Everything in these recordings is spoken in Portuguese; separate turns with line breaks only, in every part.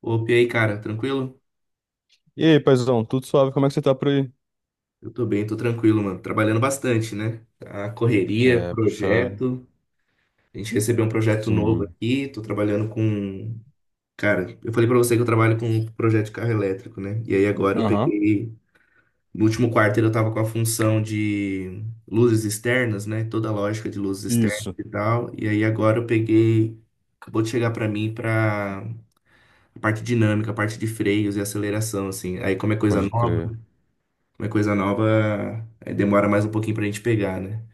Opa, e aí, cara, tranquilo?
E aí, paizão, tudo suave? Como é que você tá por aí?
Eu tô bem, tô tranquilo, mano. Trabalhando bastante, né? A correria,
É, puxado.
projeto. A gente recebeu um projeto novo
Sim.
aqui, tô trabalhando com. Cara, eu falei pra você que eu trabalho com um projeto de carro elétrico, né? E aí agora eu
Aham.
peguei. No último quarto eu tava com a função de luzes externas, né? Toda a lógica de luzes externas
Isso.
e tal. E aí agora eu peguei. Acabou de chegar pra mim pra a parte dinâmica, a parte de freios e aceleração, assim. Aí como é coisa
Pode
nova.
crer.
Uma coisa nova é, demora mais um pouquinho pra gente pegar, né?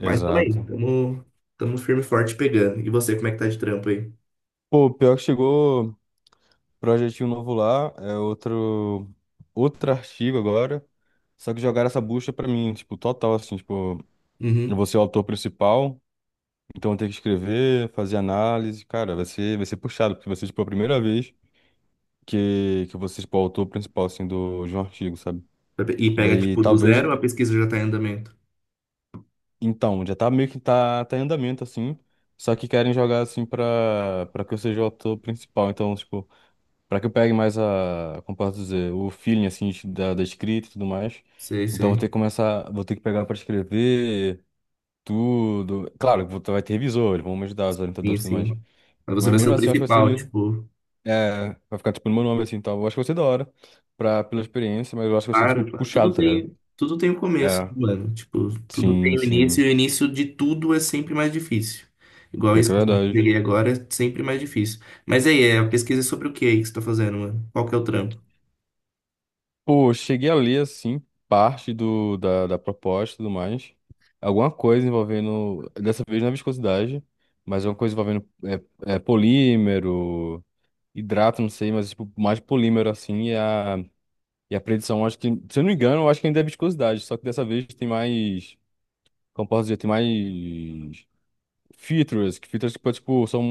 Mas também, tamo, tamo firme e forte pegando. E você, como é que tá de trampo aí?
Pô, pior que chegou projetinho novo lá, é outro artigo agora. Só que jogaram essa bucha pra mim, tipo, total assim, tipo, eu
Uhum.
vou ser o autor principal, então eu tenho que escrever, fazer análise, cara, vai ser puxado, porque vai ser tipo a primeira vez que eu vou ser tipo o autor principal assim do de um artigo, sabe?
E pega,
Daí
tipo, do
talvez.
zero, a pesquisa já tá em andamento.
Então, já tá meio que tá em andamento, assim. Só que querem jogar, assim, pra que eu seja o ator principal. Então, tipo, pra que eu pegue mais a, como posso dizer, o feeling, assim, da escrita e tudo mais.
Sei,
Então, vou
sei.
ter que começar, vou ter que pegar pra escrever tudo. Claro, vai ter revisor, eles vão me ajudar, os
Sim,
orientadores e tudo mais.
sim. Mas você
Mas
vai ser
mesmo
o
assim, eu acho que vai ser
principal,
meio,
tipo,
é, vai ficar, tipo, no meu nome, assim, então, eu acho que vai ser da hora, pela experiência, mas eu acho que vai ser, tipo,
claro, claro,
puxado,
tudo
tá ligado?
tem, tudo tem o começo, né,
É,
mano. Tipo, tudo
sim,
tem o início,
sim.
e o início de tudo é sempre mais difícil. Igual
Pior
isso
que é
que eu
verdade.
peguei agora, é sempre mais difícil. Mas aí, é, a pesquisa é sobre o que aí que você tá fazendo, mano? Qual que é o trampo?
Pô, eu cheguei a ler, assim, parte da proposta e tudo mais. Alguma coisa envolvendo, dessa vez não é viscosidade, mas alguma coisa envolvendo é, polímero, hidrato, não sei, mas tipo, mais polímero, assim, e a predição, acho que, se eu não me engano, eu acho que ainda é viscosidade, só que dessa vez tem mais, como posso dizer, tem mais features que, tipo, são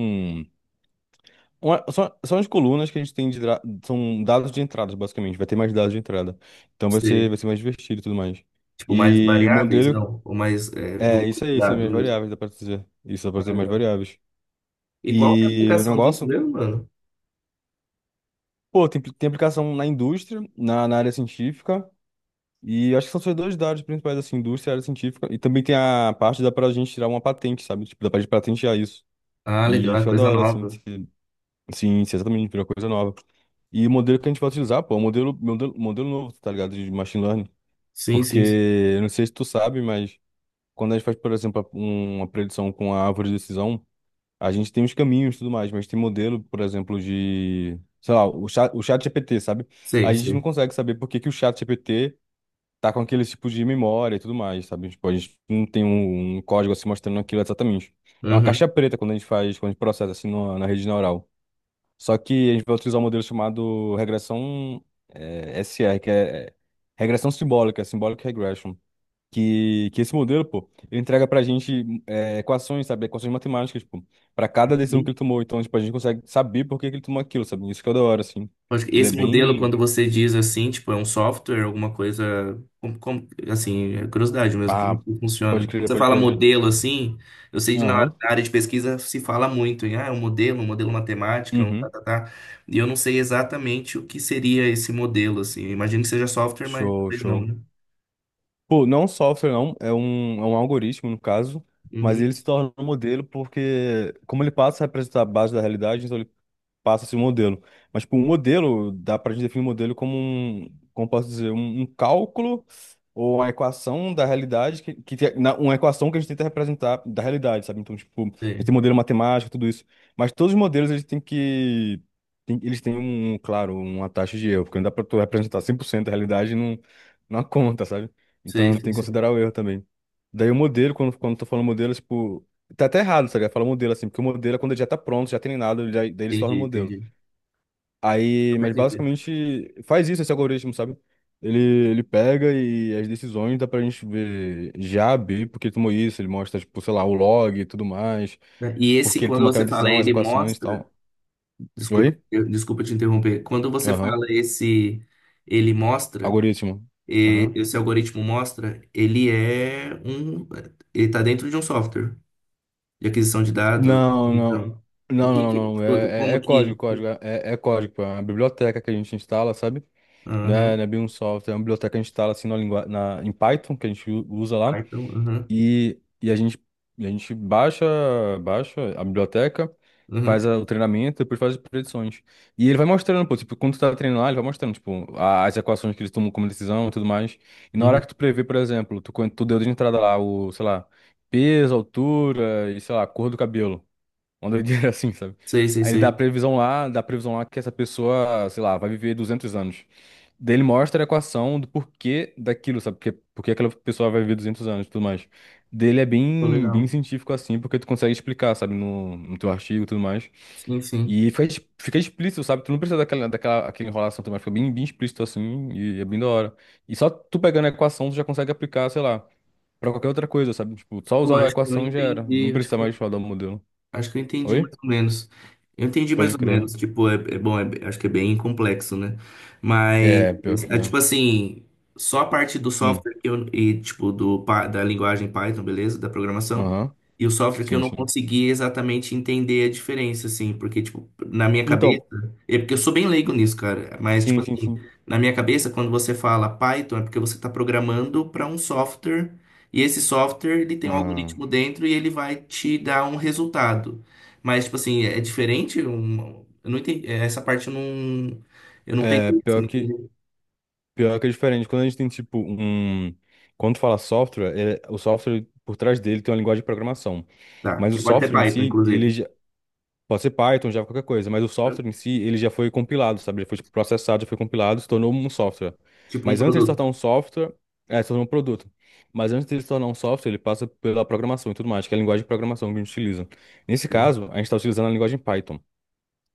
são as colunas que a gente tem são dados de entradas, basicamente. Vai ter mais dados de entrada. Então vai ser mais divertido e tudo mais.
Tipo, mais
E o
variáveis?
modelo
Não, ou mais é,
é isso aí, são
volubilidade
minhas
mesmo.
variáveis, dá pra dizer. Isso dá pra
Ah,
dizer mais
legal.
variáveis.
E qual que é a
E o
aplicação disso
negócio,
mesmo, mano?
pô, tem aplicação na indústria, na área científica. E acho que são só dois dados principais, assim, indústria e área científica. E também tem a parte da pra gente tirar uma patente, sabe? Tipo, dá pra gente patentear isso.
Ah, legal,
E
é
fica da
coisa
hora, assim,
nova.
se, sim, se exatamente virar coisa nova. E o modelo que a gente vai utilizar, pô, é um modelo novo, tá ligado? De machine learning.
Sim,
Porque,
sim, sim.
eu não sei se tu sabe, mas quando a gente faz, por exemplo, uma predição com a árvore de decisão, a gente tem os caminhos e tudo mais, mas tem modelo, por exemplo, de, sei lá, o chat GPT, sabe?
Sei,
A gente não
sei.
consegue saber por que que o chat GPT tá com aquele tipo de memória e tudo mais, sabe? Tipo, a gente não tem um código assim mostrando aquilo exatamente. É uma caixa
Uhum.
preta quando a gente faz, quando a gente processa assim na rede neural. Só que a gente vai utilizar um modelo chamado regressão SR, que é, regressão simbólica, symbolic regression. Que esse modelo, pô, ele entrega pra gente equações, sabe? Equações matemáticas, pô, pra cada decisão que
Sim.
ele tomou. Então, tipo, a gente consegue saber por que que ele tomou aquilo, sabe? Isso que é da hora, assim.
Acho que
Ele é
esse modelo,
bem.
quando você diz assim, tipo, é um software, alguma coisa, como, assim, é curiosidade mesmo, como
Ah,
que
pode
funciona? Quando
crer,
você
pode
fala
crer.
modelo, assim, eu sei que na
Aham.
na área de pesquisa se fala muito em, ah, é um modelo matemático, um tá,
Uhum.
tá, tá. E eu não sei exatamente o que seria esse modelo, assim. Eu imagino que seja software, mas
Show,
talvez não,
show.
né?
Pô, não é um software, não. É um algoritmo, no caso. Mas
Uhum.
ele se torna um modelo porque, como ele passa a representar a base da realidade, então ele passa-se o modelo. Mas, tipo, o modelo, dá pra gente definir o modelo como um, como posso dizer, um cálculo ou uma equação da realidade, uma equação que a gente tenta representar da realidade, sabe? Então, tipo, a gente
Sei,
tem modelo matemático, tudo isso. Mas todos os modelos, eles têm, claro, uma taxa de erro, porque não dá pra tu representar 100% a realidade numa conta, sabe?
sei,
Então,
sei,
tem que
sei.
considerar o erro também. Daí o modelo, quando eu tô falando modelo, é, tipo, tá até errado, sabe? Fala modelo assim, porque o modelo é quando ele já tá pronto, já treinado, daí ele se torna um
Entendi,
modelo.
entendi.
Aí,
Eu
mas
entendi.
basicamente faz isso esse algoritmo, sabe? Ele pega e as decisões dá pra gente ver já B, porque ele tomou isso, ele mostra, tipo, sei lá, o log e tudo mais,
E esse,
porque ele
quando
tomou aquela
você fala,
decisão, as
ele
equações e
mostra.
tal.
Desculpa,
Oi?
desculpa te interromper. Quando você
Aham.
fala esse, ele mostra,
Algoritmo. Aham.
esse algoritmo mostra, ele é um. Ele está dentro de um software de aquisição de dados.
Não, não.
Então, o
Não,
que
não,
que.
não. É, é,
Como
é código,
que.
código. É código, pô. É uma biblioteca que a gente instala, sabe? Não é,
Aham,
não é bem um software, é uma biblioteca que a gente instala assim na língua, em Python, que a gente usa lá,
Python, aham,
e, e a gente baixa a biblioteca,
aham,
faz o treinamento, depois faz as predições. E ele vai mostrando, pô, tipo, quando tu tá treinando lá, ele vai mostrando, tipo, as equações que eles tomam como decisão e tudo mais. E na hora
uhum.
que tu prevê, por exemplo, tu deu de entrada lá o, sei lá, peso, altura e, sei lá, cor do cabelo. Uma doideira assim, sabe?
Sei, sei,
Aí ele dá a
sei.
previsão lá, dá a previsão lá que essa pessoa, sei lá, vai viver 200 anos. Daí ele mostra a equação do porquê daquilo, sabe? Porque aquela pessoa vai viver 200 anos e tudo mais. Dele é
Pô,
bem, bem
legal.
científico assim, porque tu consegue explicar, sabe? No teu artigo e tudo mais.
Sim, sim.
E fica explícito, sabe? Tu não precisa daquela, daquela aquela enrolação também, fica bem, bem explícito assim, e é bem da hora. E só tu pegando a equação, tu já consegue aplicar, sei lá, pra qualquer outra coisa, sabe? Tipo, só
Pô,
usar a
acho que eu
equação já era. Não
entendi.
precisa mais falar do modelo.
Acho que eu entendi mais
Oi?
ou menos. Eu entendi mais
Pode
ou
crer.
menos. Tipo, é, é bom, acho que é bem complexo, né? Mas,
É, pior que
é,
é.
tipo assim, só a parte do
Hum,
software que eu, e, tipo, do, da linguagem Python, beleza? Da programação.
aham.
E o software que eu
Sim,
não
sim.
consegui exatamente entender a diferença, assim. Porque, tipo, na minha cabeça.
Então,
É porque eu sou bem leigo nisso, cara. Mas, tipo
sim, sim,
assim,
sim.
na minha cabeça, quando você fala Python, é porque você tá programando para um software. E esse software, ele tem um
Ah,
algoritmo dentro e ele vai te dar um resultado. Mas, tipo assim, é diferente? Eu não entendi. É, essa parte eu não
é,
peguei. Assim,
pior
não
que,
entendi.
pior que é diferente. Quando a gente tem, tipo, um... Quando fala software, o software, por trás dele, tem uma linguagem de programação.
Tá,
Mas o
que pode ser
software em
Python,
si,
inclusive.
pode ser Python, Java, qualquer coisa, mas o
Né?
software em si, ele já foi compilado, sabe? Ele foi tipo, processado, já foi compilado, se tornou um software.
Tipo um
Mas antes de se
produto.
tornar um software, se tornou um produto. Mas antes de se tornar um software, ele passa pela programação e tudo mais, que é a linguagem de programação que a gente utiliza. Nesse
Sim.
caso, a gente está utilizando a linguagem Python.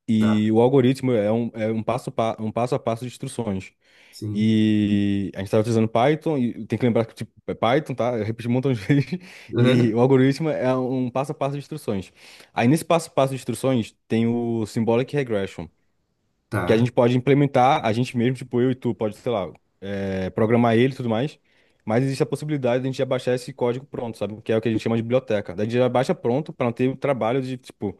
E o algoritmo é um passo a passo de instruções.
Sim.
E a gente estava utilizando Python, e tem que lembrar que tipo, é Python, tá? Eu repeti um montão de vezes. E
Aham.
o algoritmo é um passo a passo de instruções. Aí nesse passo a passo de instruções tem o Symbolic Regression, que a
Tá.
gente pode implementar, a gente mesmo, tipo eu e tu, pode, sei lá, programar ele e tudo mais. Mas existe a possibilidade de a gente já baixar esse código pronto, sabe? Que é o que a gente chama de biblioteca. Daí a gente já baixa pronto para não ter o trabalho de, tipo,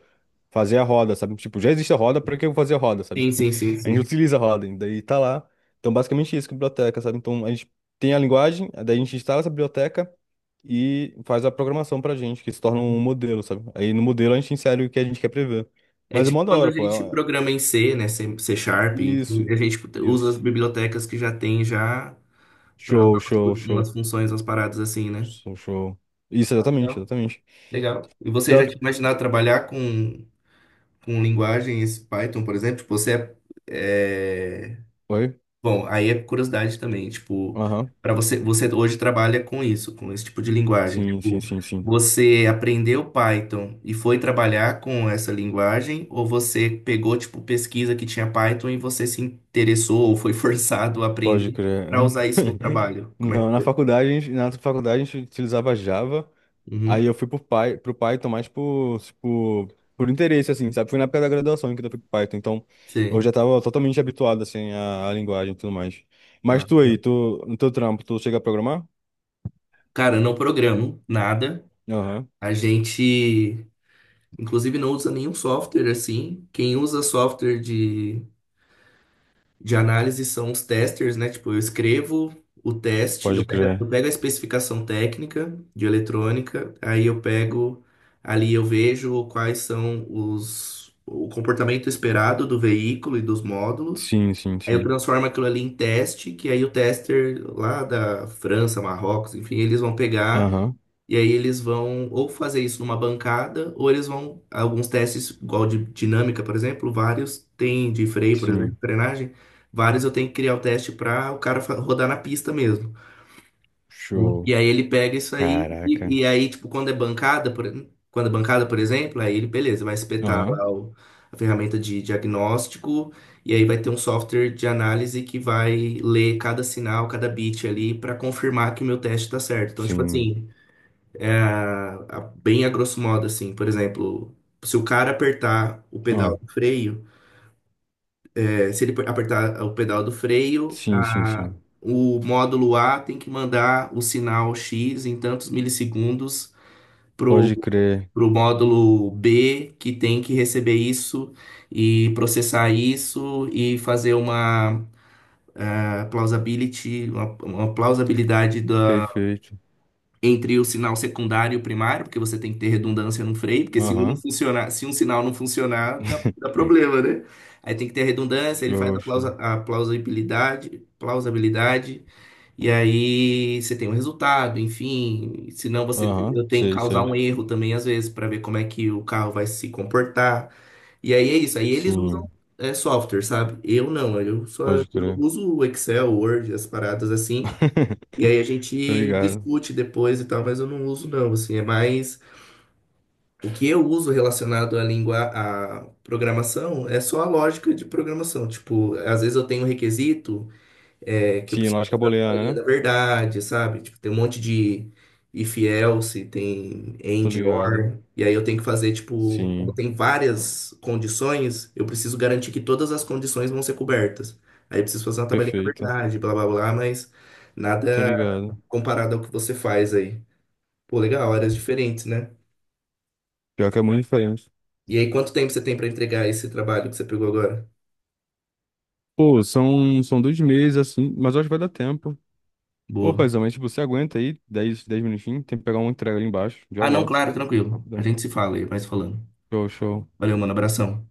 fazer a roda, sabe? Tipo, já existe a roda, pra que eu vou fazer a roda, sabe?
Sim, sim, sim,
A
sim.
gente utiliza a roda, e daí tá lá. Então, basicamente isso, que é biblioteca, sabe? Então, a gente tem a linguagem, daí a gente instala essa biblioteca e faz a programação pra gente, que se torna um
Uhum.
modelo, sabe? Aí no modelo a gente insere o que a gente quer prever.
É
Mas é
tipo
mó da
quando
hora,
a
pô.
gente programa em C, né? C, C Sharp, enfim,
Isso,
a gente usa
isso.
as bibliotecas que já tem já para
Show, show,
umas
show.
funções, umas paradas assim, né?
Show, show. Isso,
Tá
exatamente,
legal.
exatamente.
Legal. E você já
Pior-
tinha imaginado trabalhar com linguagens Python, por exemplo? Tipo, você é, é-
Oi?
bom, aí é curiosidade também. Tipo,
Aham.
para você, você hoje trabalha com isso, com esse tipo de linguagem.
Sim, sim,
Tipo,
sim, sim.
você aprendeu Python e foi trabalhar com essa linguagem, ou você pegou, tipo, pesquisa que tinha Python e você se interessou ou foi forçado a
Pode
aprender
crer.
para usar isso no trabalho? Como é
Não,
que
na
foi?
faculdade, a gente utilizava Java,
Uhum.
aí eu fui pro Python mais por, tipo, por interesse, assim, sabe? Foi na época da graduação que eu fui pro Python, então eu
Sim.
já tava totalmente habituado, assim, à linguagem e tudo mais. Mas
Ah,
tu
tá.
aí, tu, no teu trampo, tu chega a programar?
Cara, eu não programo nada.
Aham.
A gente, inclusive, não usa nenhum software assim. Quem usa software de análise são os testers, né? Tipo, eu escrevo o teste, eu
Pode
pego, eu
crer.
pego a especificação técnica de eletrônica, aí eu pego ali, eu vejo quais são os, o comportamento esperado do veículo e dos módulos.
Sim, sim,
Aí eu
sim.
transformo aquilo ali em teste, que aí o tester lá da França, Marrocos, enfim, eles vão pegar
Aham.
e aí eles vão ou fazer isso numa bancada, ou eles vão, alguns testes, igual de dinâmica, por exemplo, vários tem de freio, por exemplo,
Sim.
frenagem, vários eu tenho que criar o teste para o cara rodar na pista mesmo. E
Show.
aí ele pega isso aí,
Caraca.
e aí, tipo, quando é bancada, por, quando é bancada, por exemplo, aí ele, beleza, vai espetar
Aham.
lá a ferramenta de diagnóstico, e aí vai ter um software de análise que vai ler cada sinal, cada bit ali, para confirmar que o meu teste tá certo. Então, tipo
Sim.
assim, bem a grosso modo, assim, por exemplo, se o cara apertar o
Ah,
pedal do freio, é, se ele apertar o pedal do freio,
sim, sim, sim.
o módulo A tem que mandar o sinal X em tantos milissegundos pro,
Pode crer.
pro módulo B, que tem que receber isso e processar isso e fazer uma ah, plausibility, uma plausibilidade da,
Perfeito.
entre o sinal secundário e o primário, porque você tem que ter redundância no freio, porque se um não
Aham.
funcionar, se um sinal não funcionar, dá, dá problema, né? Aí tem que ter redundância, ele faz
Show,
a, plausa,
show.
a plausibilidade, plausibilidade e aí você tem um resultado, enfim. Senão você
Aham,
eu tenho que
sei,
causar
sei.
um erro também, às vezes, para ver como é que o carro vai se comportar. E aí é isso. Aí eles usam
Sim,
é, software, sabe? Eu não, eu só
pode
eu
crer.
uso o Excel, Word, as paradas assim. E aí a
Tô
gente
ligado.
discute depois e tal, mas eu não uso não, assim, é mais o que eu uso relacionado à língua, à programação, é só a lógica de programação. Tipo, às vezes eu tenho um requisito é, que eu
Sim,
preciso
lógica
da linha
booleana, né?
da verdade, sabe? Tipo, tem um monte de if else, tem
Tô
and
ligado.
or, e aí eu tenho que fazer, tipo, como
Sim,
tem várias condições, eu preciso garantir que todas as condições vão ser cobertas. Aí eu preciso fazer uma tabelinha da
perfeito.
verdade, blá blá blá, mas nada
Tô ligado.
comparado ao que você faz aí. Pô, legal, áreas diferentes, né?
Pior que é muito diferente.
E aí, quanto tempo você tem para entregar esse trabalho que você pegou agora?
Pô, são 2 meses, assim, mas eu acho que vai dar tempo. Ô,
Boa.
paizão, mas tipo, você aguenta aí dez minutinhos, tem que pegar uma entrega ali embaixo, já
Ah, não,
volto.
claro, tranquilo. A
Rapidão.
gente se fala aí, vai se falando.
Show, show.
Valeu, mano, abração.